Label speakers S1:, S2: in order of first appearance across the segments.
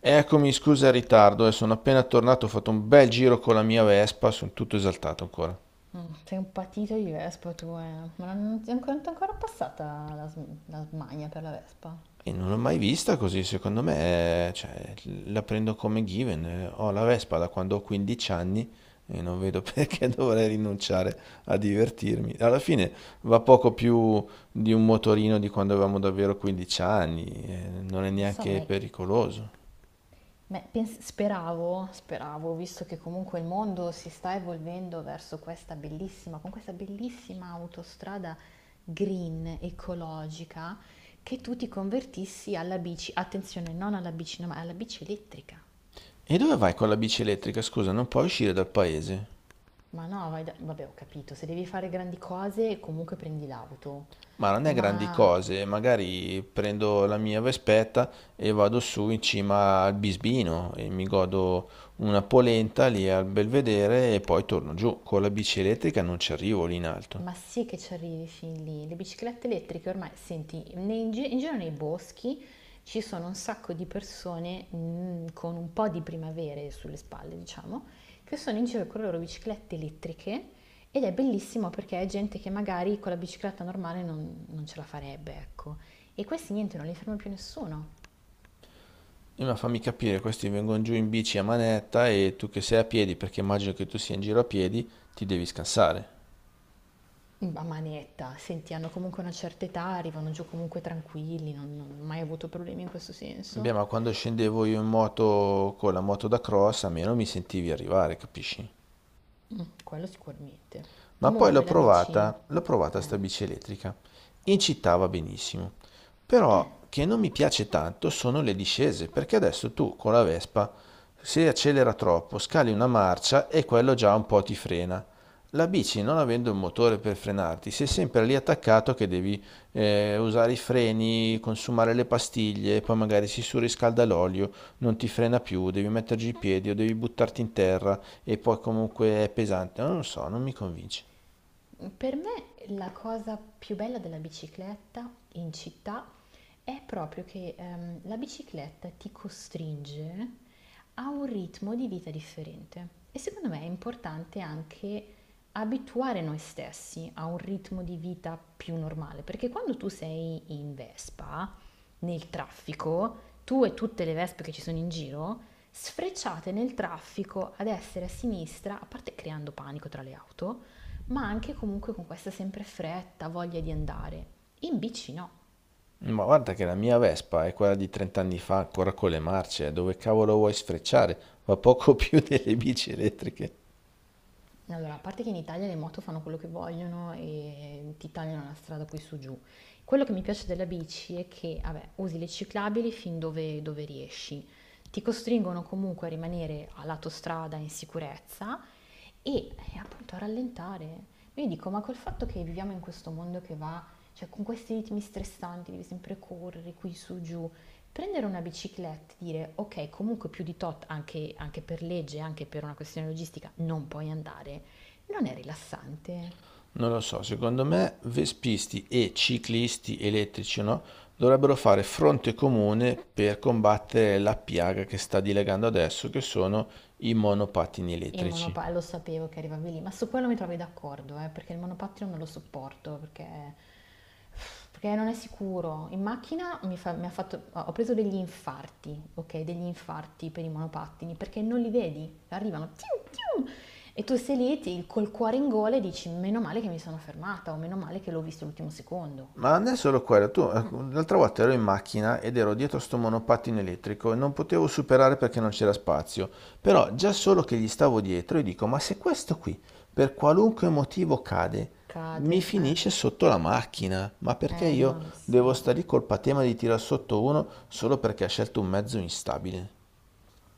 S1: Eccomi, scusa il ritardo, sono appena tornato, ho fatto un bel giro con la mia Vespa, sono tutto esaltato ancora.
S2: Mm, sei un patito di vespa tu, eh. Ma non ti è ancora, non ti è ancora passata la, la smania per la vespa?
S1: E non l'ho mai vista così, secondo me, la prendo come given. Ho la Vespa da quando ho 15 anni e non vedo perché dovrei rinunciare a divertirmi. Alla fine va poco più di un motorino di quando avevamo davvero 15 anni, non è
S2: Lo so,
S1: neanche pericoloso.
S2: ma speravo, speravo, visto che comunque il mondo si sta evolvendo verso questa bellissima, con questa bellissima autostrada green, ecologica, che tu ti convertissi alla bici, attenzione, non alla bici, no, ma alla bici elettrica.
S1: E dove vai con la bici elettrica? Scusa, non puoi uscire dal paese?
S2: Ma no, vabbè, ho capito, se devi fare grandi cose, comunque prendi l'auto.
S1: Ma non è grandi
S2: Ma
S1: cose, magari prendo la mia vespetta e vado su in cima al Bisbino e mi godo una polenta lì al Belvedere e poi torno giù. Con la bici elettrica non ci arrivo lì in alto.
S2: Ma sì che ci arrivi fin lì, le biciclette elettriche ormai, senti, in giro nei boschi ci sono un sacco di persone con un po' di primavere sulle spalle, diciamo, che sono in giro con le loro biciclette elettriche, ed è bellissimo perché è gente che magari con la bicicletta normale non ce la farebbe, ecco. E questi niente, non li ferma più nessuno.
S1: E ma fammi capire, questi vengono giù in bici a manetta e tu che sei a piedi, perché immagino che tu sia in giro a piedi, ti devi scansare.
S2: A manetta, senti, hanno comunque una certa età, arrivano giù comunque tranquilli, non ho mai avuto problemi in questo senso.
S1: Beh, ma quando scendevo io in moto con la moto da cross, almeno mi sentivi arrivare, capisci?
S2: Mm, quello sicuramente.
S1: Ma poi
S2: Comunque la bici, eh,
S1: l'ho provata sta bici elettrica. In città va benissimo. Però che non mi piace tanto sono le discese, perché adesso tu con la Vespa, se accelera troppo, scali una marcia e quello già un po' ti frena. La bici, non avendo un motore per frenarti, sei sempre lì attaccato che devi usare i freni, consumare le pastiglie, poi magari si surriscalda l'olio, non ti frena più, devi metterci i piedi o devi buttarti in terra e poi comunque è pesante. Non lo so, non mi convince.
S2: per me la cosa più bella della bicicletta in città è proprio che la bicicletta ti costringe a un ritmo di vita differente e secondo me è importante anche abituare noi stessi a un ritmo di vita più normale, perché quando tu sei in Vespa, nel traffico, tu e tutte le Vespe che ci sono in giro, sfrecciate nel traffico a destra e a sinistra, a parte creando panico tra le auto, ma anche comunque con questa sempre fretta, voglia di andare. In bici no.
S1: Ma guarda che la mia Vespa è quella di 30 anni fa, ancora con le marce, dove cavolo vuoi sfrecciare? Va poco più delle bici elettriche.
S2: Allora, a parte che in Italia le moto fanno quello che vogliono e ti tagliano la strada qui su giù. Quello che mi piace della bici è che, vabbè, usi le ciclabili fin dove, dove riesci. Ti costringono comunque a rimanere a lato strada in sicurezza, e appunto rallentare. Io dico, ma col fatto che viviamo in questo mondo che va, cioè con questi ritmi stressanti, devi sempre correre qui su giù, prendere una bicicletta e dire, ok, comunque più di tot, anche, anche per legge, anche per una questione logistica, non puoi andare, non è rilassante.
S1: Non lo so, secondo me vespisti e ciclisti elettrici, no? Dovrebbero fare fronte comune per combattere la piaga che sta dilegando adesso, che sono i monopattini
S2: Il
S1: elettrici.
S2: monopa lo sapevo che arrivavi lì, ma su quello mi trovi d'accordo, perché il monopattino non lo sopporto, perché, perché non è sicuro. In macchina mi fa- mi ha fatto- ho preso degli infarti, ok? Degli infarti per i monopattini, perché non li vedi, arrivano, tium, tium, e tu sei lì col cuore in gola e dici, meno male che mi sono fermata, o meno male che l'ho visto l'ultimo secondo.
S1: Ma non è solo quello, tu l'altra volta ero in macchina ed ero dietro a sto monopattino elettrico e non potevo superare perché non c'era spazio, però già solo che gli stavo dietro e dico, ma se questo qui per qualunque motivo cade, mi
S2: Cade,
S1: finisce sotto la macchina, ma perché
S2: eh
S1: io
S2: no, lo so.
S1: devo stare lì col patema di tirar sotto uno solo perché ha scelto un mezzo instabile?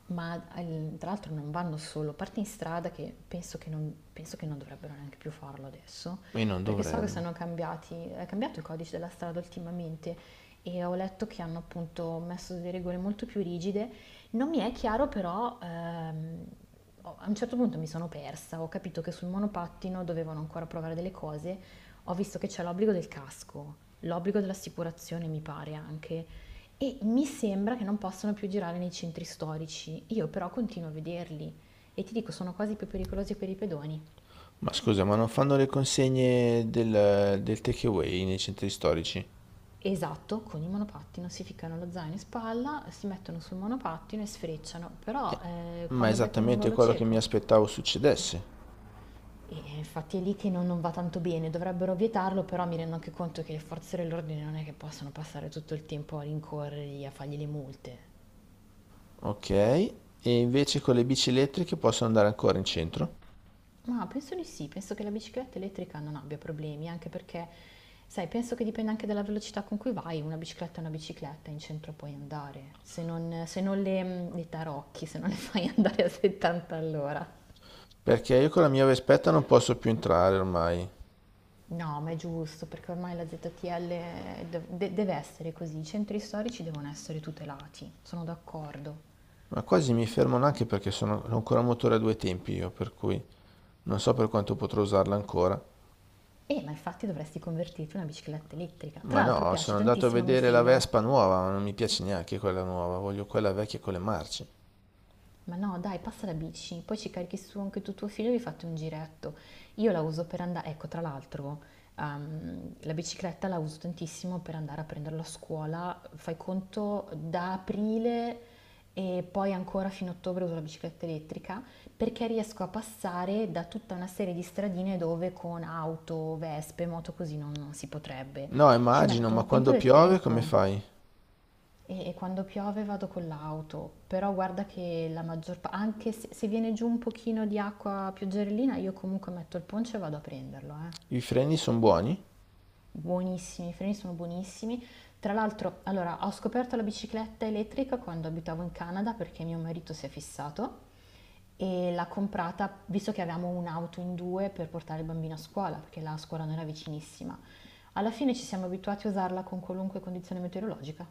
S2: Ma tra l'altro non vanno solo, parte in strada che penso che non dovrebbero neanche più farlo adesso,
S1: E non
S2: perché so che
S1: dovrebbero.
S2: sono cambiati, è cambiato il codice della strada ultimamente e ho letto che hanno appunto messo delle regole molto più rigide. Non mi è chiaro però, a un certo punto mi sono persa, ho capito che sul monopattino dovevano ancora provare delle cose, ho visto che c'è l'obbligo del casco, l'obbligo dell'assicurazione mi pare anche, e mi sembra che non possano più girare nei centri storici. Io però continuo a vederli e ti dico, sono quasi più pericolosi per i pedoni.
S1: Ma scusa, ma non fanno le consegne del takeaway nei centri storici?
S2: Esatto, con i monopattino si ficcano lo zaino in spalla, si mettono sul monopattino e sfrecciano, però
S1: Eh, Ma è
S2: quando becchi un
S1: esattamente
S2: angolo
S1: quello che mi
S2: cieco.
S1: aspettavo succedesse.
S2: Infatti è lì che non, non va tanto bene, dovrebbero vietarlo, però mi rendo anche conto che le forze dell'ordine non è che possono passare tutto il tempo a rincorrerli, a fargli le multe.
S1: Ok, e invece con le bici elettriche posso andare ancora in centro?
S2: Ma penso di sì, penso che la bicicletta elettrica non abbia problemi, anche perché, sai, penso che dipenda anche dalla velocità con cui vai, una bicicletta è una bicicletta, in centro puoi andare, se non, se non le, le tarocchi, se non le fai andare a 70 all'ora.
S1: Perché io con la mia Vespetta non posso più entrare ormai.
S2: No, ma è giusto, perché ormai la ZTL deve essere così, i centri storici devono essere tutelati, sono d'accordo.
S1: Ma quasi mi fermano anche perché sono ho ancora un motore a due tempi io, per cui non so per quanto potrò usarla ancora.
S2: E ma infatti dovresti convertirti in una bicicletta elettrica.
S1: Ma
S2: Tra l'altro
S1: no, sono
S2: piace
S1: andato a
S2: tantissimo a mio
S1: vedere la
S2: figlio.
S1: Vespa nuova, ma non mi piace neanche quella nuova, voglio quella vecchia con le marce.
S2: Ma no, dai, passa la bici, poi ci carichi su anche tu tuo figlio e vi fate un giretto. Io la uso per andare, ecco, tra l'altro, la bicicletta la uso tantissimo per andare a prenderlo a scuola. Fai conto da aprile e poi ancora fino a ottobre uso la bicicletta elettrica perché riesco a passare da tutta una serie di stradine dove con auto, vespe, moto così non si potrebbe.
S1: No,
S2: Ci
S1: immagino,
S2: metto
S1: ma
S2: un quinto
S1: quando
S2: del
S1: piove come
S2: tempo.
S1: fai?
S2: E quando piove vado con l'auto, però guarda che la maggior pa anche se se viene giù un pochino di acqua pioggerellina, io comunque metto il poncho e vado a prenderlo, eh.
S1: I freni sono buoni?
S2: Buonissimi, i freni sono buonissimi. Tra l'altro, allora, ho scoperto la bicicletta elettrica quando abitavo in Canada perché mio marito si è fissato e l'ha comprata, visto che avevamo un'auto in 2 per portare il bambino a scuola, perché la scuola non era vicinissima. Alla fine ci siamo abituati a usarla con qualunque condizione meteorologica.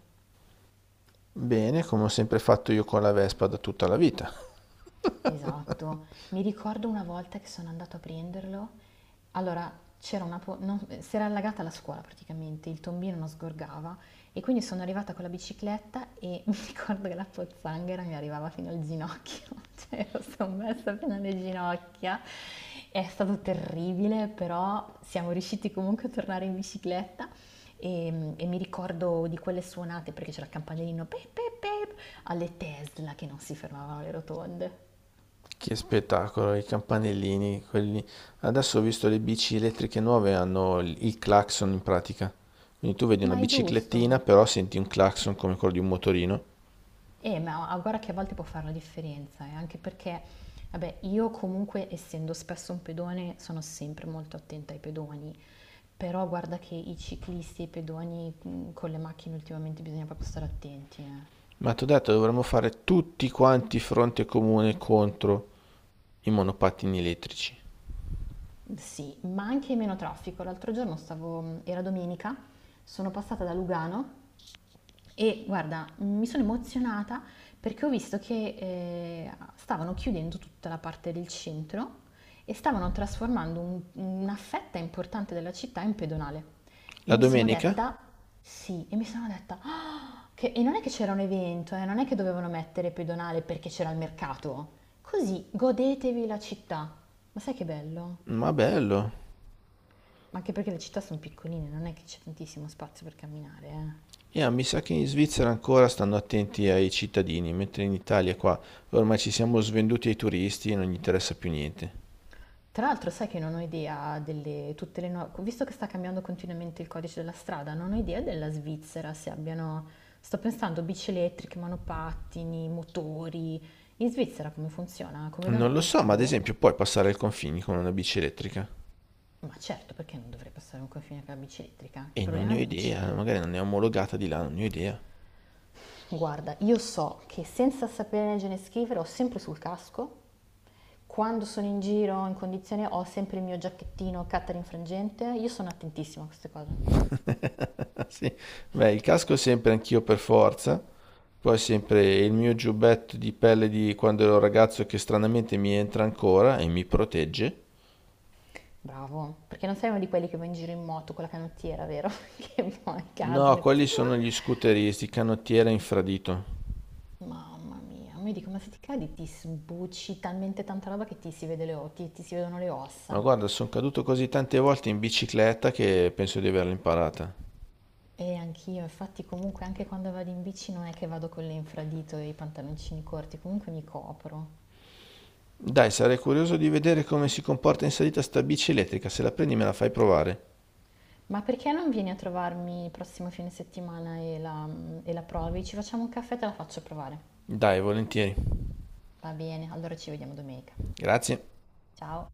S1: Bene, come ho sempre fatto io con la Vespa da tutta la vita.
S2: Esatto. Mi ricordo una volta che sono andato a prenderlo. Allora, c'era una po- non- si era allagata la scuola praticamente, il tombino non sgorgava e quindi sono arrivata con la bicicletta e mi ricordo che la pozzanghera mi arrivava fino al ginocchio, cioè ero sommersa fino alle ginocchia. È stato terribile, però siamo riusciti comunque a tornare in bicicletta e mi ricordo di quelle suonate perché c'era il campanellino pep pep pep alle Tesla che non si fermavano le rotonde.
S1: Che spettacolo, i campanellini, quelli. Adesso ho visto le bici elettriche nuove, hanno il clacson in pratica. Quindi tu vedi una
S2: Ma è giusto.
S1: biciclettina, però senti un clacson come quello di un motorino.
S2: Ma guarda che a volte può fare la differenza, anche perché, vabbè, io comunque, essendo spesso un pedone, sono sempre molto attenta ai pedoni, però guarda che i ciclisti e i pedoni con le macchine ultimamente bisogna proprio stare attenti, eh.
S1: Ma ti ho detto, dovremmo fare tutti quanti fronte comune contro i monopattini elettrici.
S2: Sì, ma anche meno traffico. L'altro giorno stavo, era domenica, sono passata da Lugano. E guarda, mi sono emozionata perché ho visto che stavano chiudendo tutta la parte del centro e stavano trasformando una fetta importante della città in pedonale. E
S1: La
S2: mi sono
S1: domenica?
S2: detta, sì, e mi sono detta, "Ah!" E non è che c'era un evento, non è che dovevano mettere pedonale perché c'era il mercato. Così godetevi la città. Ma sai che bello?
S1: Ma bello.
S2: Anche perché le città sono piccoline, non è che c'è tantissimo spazio per camminare, eh.
S1: Yeah, mi sa che in Svizzera ancora stanno attenti ai cittadini, mentre in Italia qua ormai ci siamo svenduti ai turisti e non gli interessa più niente.
S2: Tra l'altro sai che non ho idea delle tutte le nuove, visto che sta cambiando continuamente il codice della strada, non ho idea della Svizzera se abbiano, sto pensando bici elettriche, monopattini, motori. In Svizzera come funziona? Come da
S1: Non lo
S2: noi?
S1: so, ma ad
S2: Boh.
S1: esempio puoi passare il confine con una bici elettrica.
S2: Ma certo, perché non dovrei passare un confine con la bici elettrica? Che
S1: E non
S2: problema
S1: ne ho
S2: bici
S1: idea,
S2: è?
S1: magari non è omologata di là, non ne ho idea.
S2: Guarda, io so che senza sapere leggere e scrivere ho sempre sul casco, quando sono in giro in condizione ho sempre il mio giacchettino Catering frangente, io sono attentissima a queste cose.
S1: Sì, beh, il casco sempre anch'io per forza, poi sempre il mio giubbetto di pelle di quando ero ragazzo che stranamente mi entra ancora e mi protegge.
S2: Bravo, perché non sei uno di quelli che va in giro in moto con la canottiera, vero? Che poi
S1: No,
S2: cadono e...
S1: quelli sono gli scooteristi, canottiera infradito.
S2: Mamma mia, mi dico, ma se ti cadi ti sbucci talmente tanta roba che ti si vede le, ti, ti si vedono le
S1: Ma
S2: ossa.
S1: guarda, sono caduto così tante volte in bicicletta che penso di averla imparata.
S2: E anch'io, infatti comunque anche quando vado in bici non è che vado con l'infradito e i pantaloncini corti, comunque mi copro.
S1: Dai, sarei curioso di vedere come si comporta in salita sta bici elettrica. Se la prendi me la fai provare.
S2: Ma perché non vieni a trovarmi il prossimo fine settimana e la provi? Ci facciamo un caffè e te la faccio provare.
S1: Dai, volentieri.
S2: Va bene, allora ci vediamo domenica.
S1: Grazie.
S2: Ciao!